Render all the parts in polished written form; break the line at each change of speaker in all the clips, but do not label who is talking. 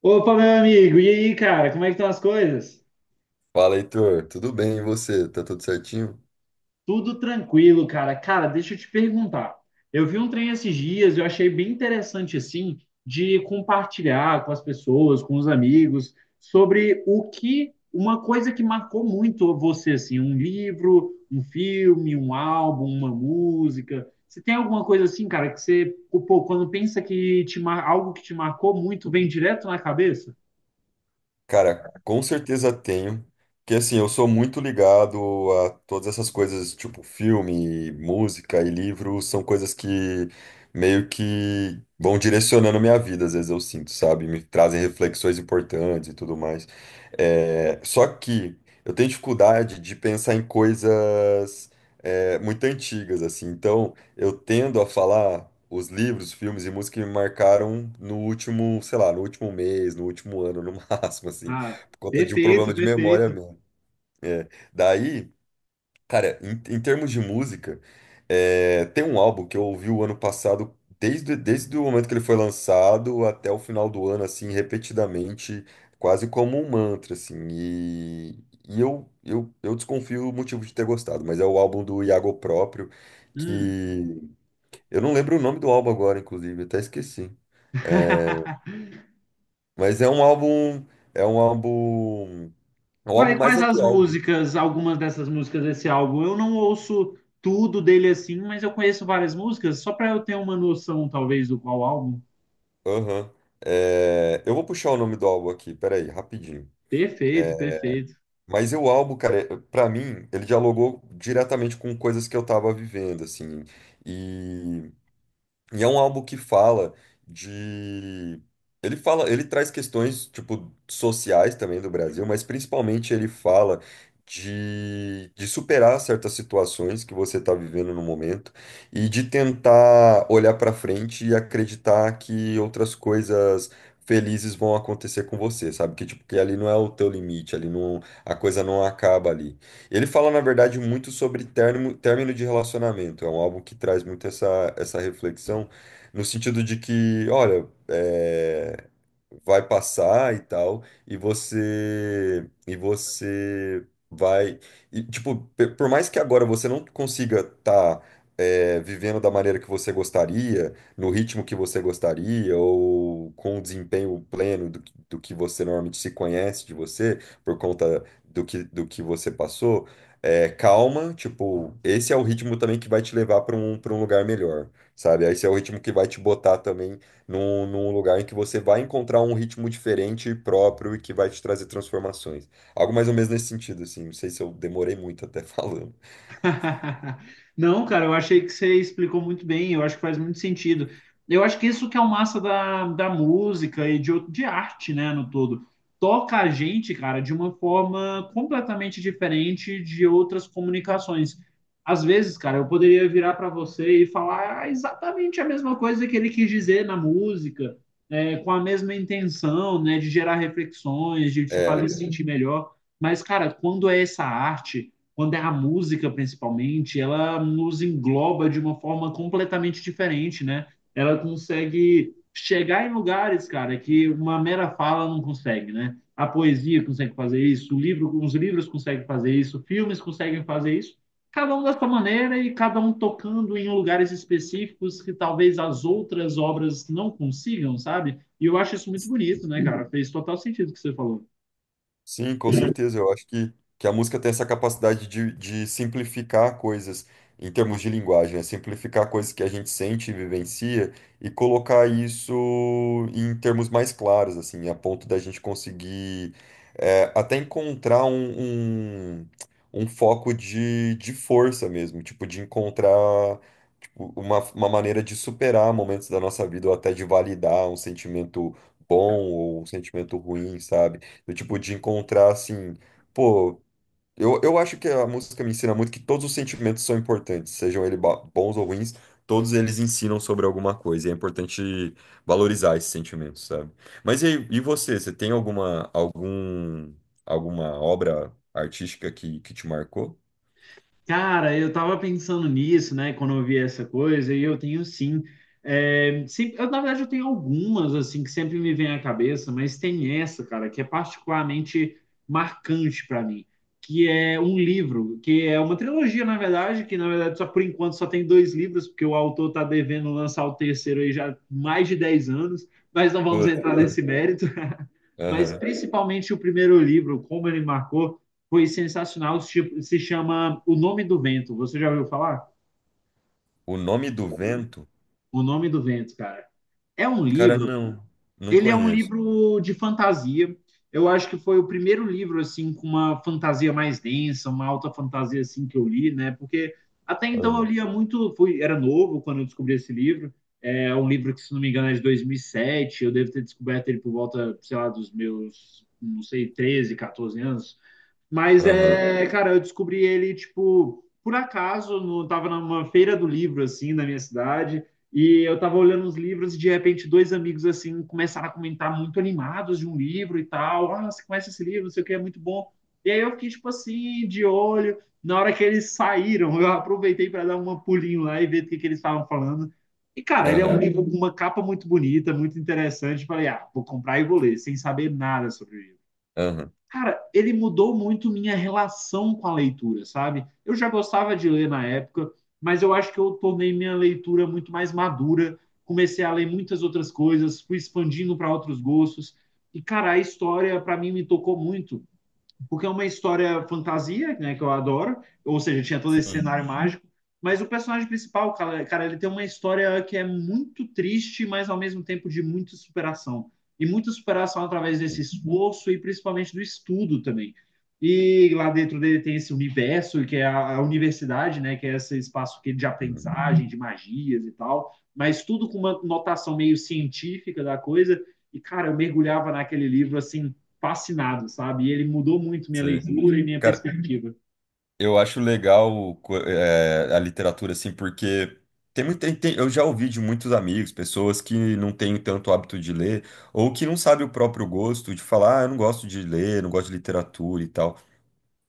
Opa, meu amigo, e aí, cara, como é que estão as coisas?
Fala, Heitor. Tudo bem? E você? Tá tudo certinho?
Tudo tranquilo, cara. Cara, deixa eu te perguntar. Eu vi um trem esses dias, eu achei bem interessante, assim, de compartilhar com as pessoas, com os amigos, sobre o que, uma coisa que marcou muito você, assim, um livro, um filme, um álbum, uma música. Você tem alguma coisa assim, cara, que você, pô, quando pensa que te, algo que te marcou muito, vem direto na cabeça?
Cara, com certeza tenho. Porque assim, eu sou muito ligado a todas essas coisas, tipo filme, música e livro, são coisas que meio que vão direcionando a minha vida, às vezes eu sinto, sabe? Me trazem reflexões importantes e tudo mais. Só que eu tenho dificuldade de pensar em coisas muito antigas, assim. Então. Eu tendo a falar os livros, filmes e música que me marcaram no último, sei lá, no último mês, no último ano, no máximo, assim,
Ah,
por conta de um
perfeito,
problema de memória
perfeito.
mesmo. É. Daí, cara, em termos de música, tem um álbum que eu ouvi o ano passado, desde o momento que ele foi lançado até o final do ano, assim, repetidamente, quase como um mantra, assim, e, e eu desconfio o motivo de ter gostado, mas é o álbum do Iago Próprio,
Hum.
que eu não lembro o nome do álbum agora, inclusive, até esqueci. É, mas é um álbum, é um álbum, é um álbum
Quais,
mais
quais as
atual.
músicas, algumas dessas músicas desse álbum? Eu não ouço tudo dele assim, mas eu conheço várias músicas, só para eu ter uma noção, talvez, do qual álbum.
Aham. Eu vou puxar o nome do álbum aqui, peraí, rapidinho.
Perfeito, perfeito.
Mas o álbum, cara, pra mim, ele dialogou diretamente com coisas que eu tava vivendo, assim. E é um álbum que fala de. Ele traz questões, tipo, sociais também do Brasil, mas principalmente ele fala de superar certas situações que você está vivendo no momento e de tentar olhar para frente e acreditar que outras coisas felizes vão acontecer com você, sabe? Que, tipo, que ali não é o teu limite, ali não, a coisa não acaba ali. Ele fala, na verdade, muito sobre término, término de relacionamento. É um álbum que traz muito essa, essa reflexão, no sentido de que, olha, vai passar e tal, e você vai e, tipo, por mais que agora você não consiga estar vivendo da maneira que você gostaria, no ritmo que você gostaria, ou com o desempenho pleno do, do que você normalmente se conhece de você, por conta do que você passou, calma, tipo, esse é o ritmo também que vai te levar para um lugar melhor, sabe? Esse é o ritmo que vai te botar também num lugar em que você vai encontrar um ritmo diferente e próprio e que vai te trazer transformações. Algo mais ou menos nesse sentido, assim. Não sei se eu demorei muito até falando.
Não, cara, eu achei que você explicou muito bem, eu acho que faz muito sentido. Eu acho que isso que é o massa da música e de, de arte, né, no todo. Toca a gente, cara, de uma forma completamente diferente de outras comunicações. Às vezes, cara, eu poderia virar para você e falar exatamente a mesma coisa que ele quis dizer na música, é, com a mesma intenção, né, de gerar reflexões, de te fazer
É,
sentir melhor. Mas, cara, quando é essa arte, quando é a música principalmente, ela nos engloba de uma forma completamente diferente, né? Ela consegue chegar em lugares, cara, que uma mera fala não consegue, né? A poesia consegue fazer isso, o livro, os livros conseguem fazer isso, filmes conseguem fazer isso, cada um da sua maneira e cada um tocando em lugares específicos que talvez as outras obras não consigam, sabe? E eu acho isso muito bonito, né, cara? Fez total sentido o que você falou.
Sim, com certeza. Eu acho que a música tem essa capacidade de simplificar coisas em termos de linguagem, né? Simplificar coisas que a gente sente e vivencia e colocar isso em termos mais claros, assim, a ponto da gente conseguir até encontrar um, um foco de força mesmo, tipo, de encontrar tipo, uma maneira de superar momentos da nossa vida ou até de validar um sentimento bom ou um sentimento ruim, sabe? Do tipo, de encontrar assim, pô, eu acho que a música me ensina muito que todos os sentimentos são importantes, sejam eles bons ou ruins, todos eles ensinam sobre alguma coisa, e é importante valorizar esses sentimentos, sabe? Mas e, aí, e você, você tem alguma obra artística que te marcou?
Cara, eu tava pensando nisso, né, quando eu vi essa coisa, e eu tenho sim. É, sim, eu, na verdade, eu tenho algumas, assim, que sempre me vêm à cabeça, mas tem essa, cara, que é particularmente marcante para mim, que é um livro, que é uma trilogia, na verdade, que, na verdade, só por enquanto só tem dois livros, porque o autor tá devendo lançar o terceiro aí já há mais de 10 anos, mas não vamos
Putz,
entrar nesse mérito. Mas
aham.
principalmente o primeiro livro, como ele marcou, foi sensacional. Se chama O Nome do Vento. Você já ouviu falar?
O Nome do Vento?
O Nome do Vento, cara. É um
Cara,
livro.
não, não
Ele é um
conheço.
livro de fantasia. Eu acho que foi o primeiro livro assim com uma fantasia mais densa, uma alta fantasia assim que eu li, né? Porque até então eu
Aham,
lia muito, fui, era novo quando eu descobri esse livro. É um livro que, se não me engano, é de 2007. Eu devo ter descoberto ele por volta, sei lá, dos meus, não sei, 13, 14 anos. Mas
aham,
é, cara, eu descobri ele, tipo, por acaso, no, tava numa feira do livro, assim, na minha cidade, e eu tava olhando uns livros e de repente dois amigos, assim, começaram a comentar muito animados de um livro e tal. Ah, você conhece esse livro, não sei o que, é muito bom. E aí eu fiquei, tipo assim, de olho. Na hora que eles saíram, eu aproveitei para dar um pulinho lá e ver o que eles estavam falando. E, cara, ele é um
aham,
livro com uma capa muito bonita, muito interessante. Falei, ah, vou comprar e vou ler, sem saber nada sobre isso.
aham.
Cara, ele mudou muito minha relação com a leitura, sabe? Eu já gostava de ler na época, mas eu acho que eu tornei minha leitura muito mais madura, comecei a ler muitas outras coisas, fui expandindo para outros gostos. E, cara, a história para mim me tocou muito porque é uma história fantasia, né, que eu adoro, ou seja, tinha todo esse
Sim,
cenário mágico, mas o personagem principal, cara, cara, ele tem uma história que é muito triste, mas ao mesmo tempo de muita superação. E muita superação através desse
sim,
esforço e principalmente do estudo também. E lá dentro dele tem esse universo, que é a universidade, né, que é esse espaço é de
sim.
aprendizagem, de magias e tal, mas tudo com uma notação meio científica da coisa. E, cara, eu mergulhava naquele livro assim fascinado, sabe? E ele mudou muito minha
Sim.
leitura e minha
Cara,
perspectiva.
eu acho legal a literatura, assim, porque tem muito, eu já ouvi de muitos amigos, pessoas que não têm tanto hábito de ler, ou que não sabem o próprio gosto de falar, ah, eu não gosto de ler, não gosto de literatura e tal.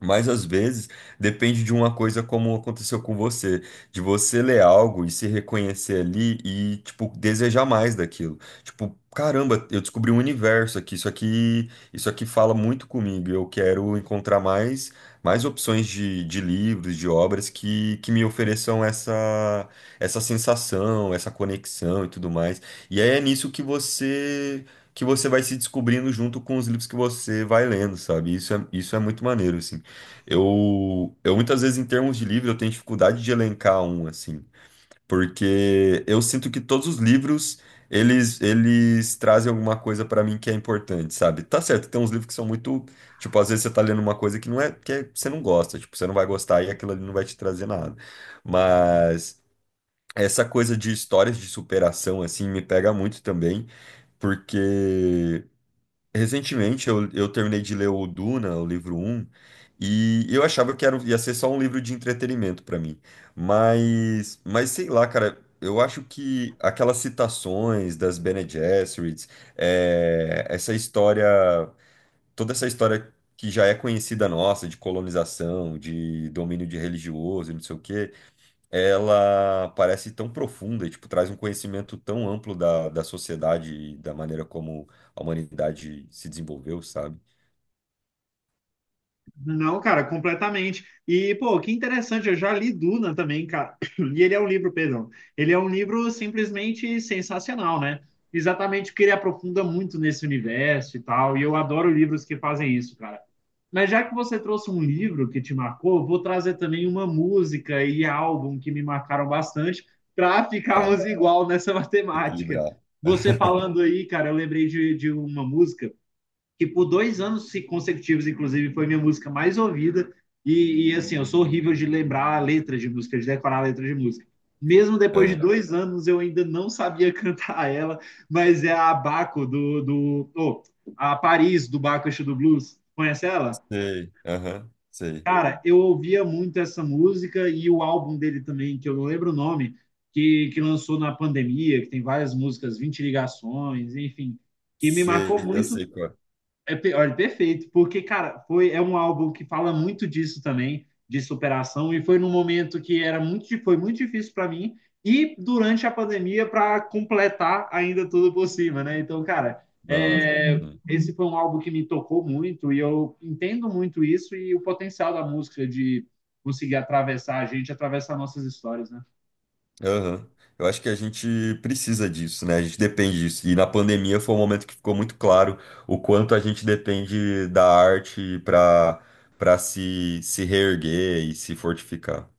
Mas às vezes depende de uma coisa como aconteceu com você, de você ler algo e se reconhecer ali e, tipo, desejar mais daquilo. Tipo, caramba, eu descobri um universo aqui, isso aqui, isso aqui fala muito comigo. Eu quero encontrar mais opções de livros, de obras que me ofereçam essa sensação, essa conexão e tudo mais. E aí é nisso que você vai se descobrindo junto com os livros que você vai lendo, sabe? Isso é muito maneiro, assim. Eu muitas vezes, em termos de livro, eu tenho dificuldade de elencar um, assim, porque eu sinto que todos os livros, eles trazem alguma coisa pra mim que é importante, sabe? Tá certo, tem uns livros que são muito, tipo, às vezes você tá lendo uma coisa que não é, você não gosta, tipo, você não vai gostar e aquilo ali não vai te trazer nada. Mas essa coisa de histórias de superação, assim, me pega muito também, porque recentemente eu terminei de ler o Duna, o livro um e eu achava que era, ia ser só um livro de entretenimento para mim. Mas sei lá, cara, eu acho que aquelas citações das Bene Gesserits, essa história, toda essa história que já é conhecida nossa, de colonização, de domínio de religioso, e não sei o quê, ela parece tão profunda e, tipo, traz um conhecimento tão amplo da sociedade e da maneira como a humanidade se desenvolveu, sabe?
Não, cara, completamente. E, pô, que interessante, eu já li Duna também, cara. E ele é um livro, perdão. Ele é um livro simplesmente sensacional, né? Exatamente porque ele aprofunda muito nesse universo e tal. E eu adoro livros que fazem isso, cara. Mas já que você trouxe um livro que te marcou, eu vou trazer também uma música e álbum que me marcaram bastante para
Tá,
ficarmos igual nessa matemática.
equilibrar.
Você falando aí, cara, eu lembrei de uma música que por 2 anos consecutivos, inclusive, foi minha música mais ouvida. E, assim, eu sou horrível de lembrar letras de música, de decorar letras de música. Mesmo depois de
Aham.
2 anos, eu ainda não sabia cantar ela, mas é a Baco do. Do oh, a Paris do Baco do Blues. Conhece ela?
Sei, aham, sei,
Cara, eu ouvia muito essa música e o álbum dele também, que eu não lembro o nome, que lançou na pandemia, que tem várias músicas, 20 ligações, enfim, que me marcou
sei, eu
muito.
sei qual é.
Olha, perfeito, porque, cara, é um álbum que fala muito disso também, de superação, e foi num momento que era muito, foi muito difícil para mim, e durante a pandemia, para completar ainda tudo por cima, né? Então, cara,
Nossa.
é,
Hum.
esse foi um álbum que me tocou muito, e eu entendo muito isso e o potencial da música de conseguir atravessar a gente, atravessar nossas histórias, né?
Aham. Eu acho que a gente precisa disso, né? A gente depende disso. E na pandemia foi um momento que ficou muito claro o quanto a gente depende da arte para se reerguer e se fortificar.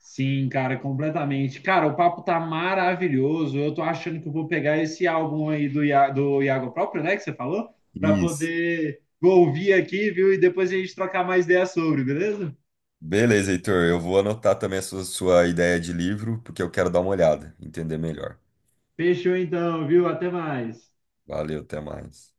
Sim, cara, completamente. Cara, o papo tá maravilhoso. Eu tô achando que eu vou pegar esse álbum aí do, do Iago próprio, né, que você falou, para
Isso.
poder ouvir aqui, viu? E depois a gente trocar mais ideias sobre, beleza?
Beleza, Heitor. Eu vou anotar também a sua ideia de livro, porque eu quero dar uma olhada, entender melhor.
Fechou então, viu? Até mais.
Valeu, até mais.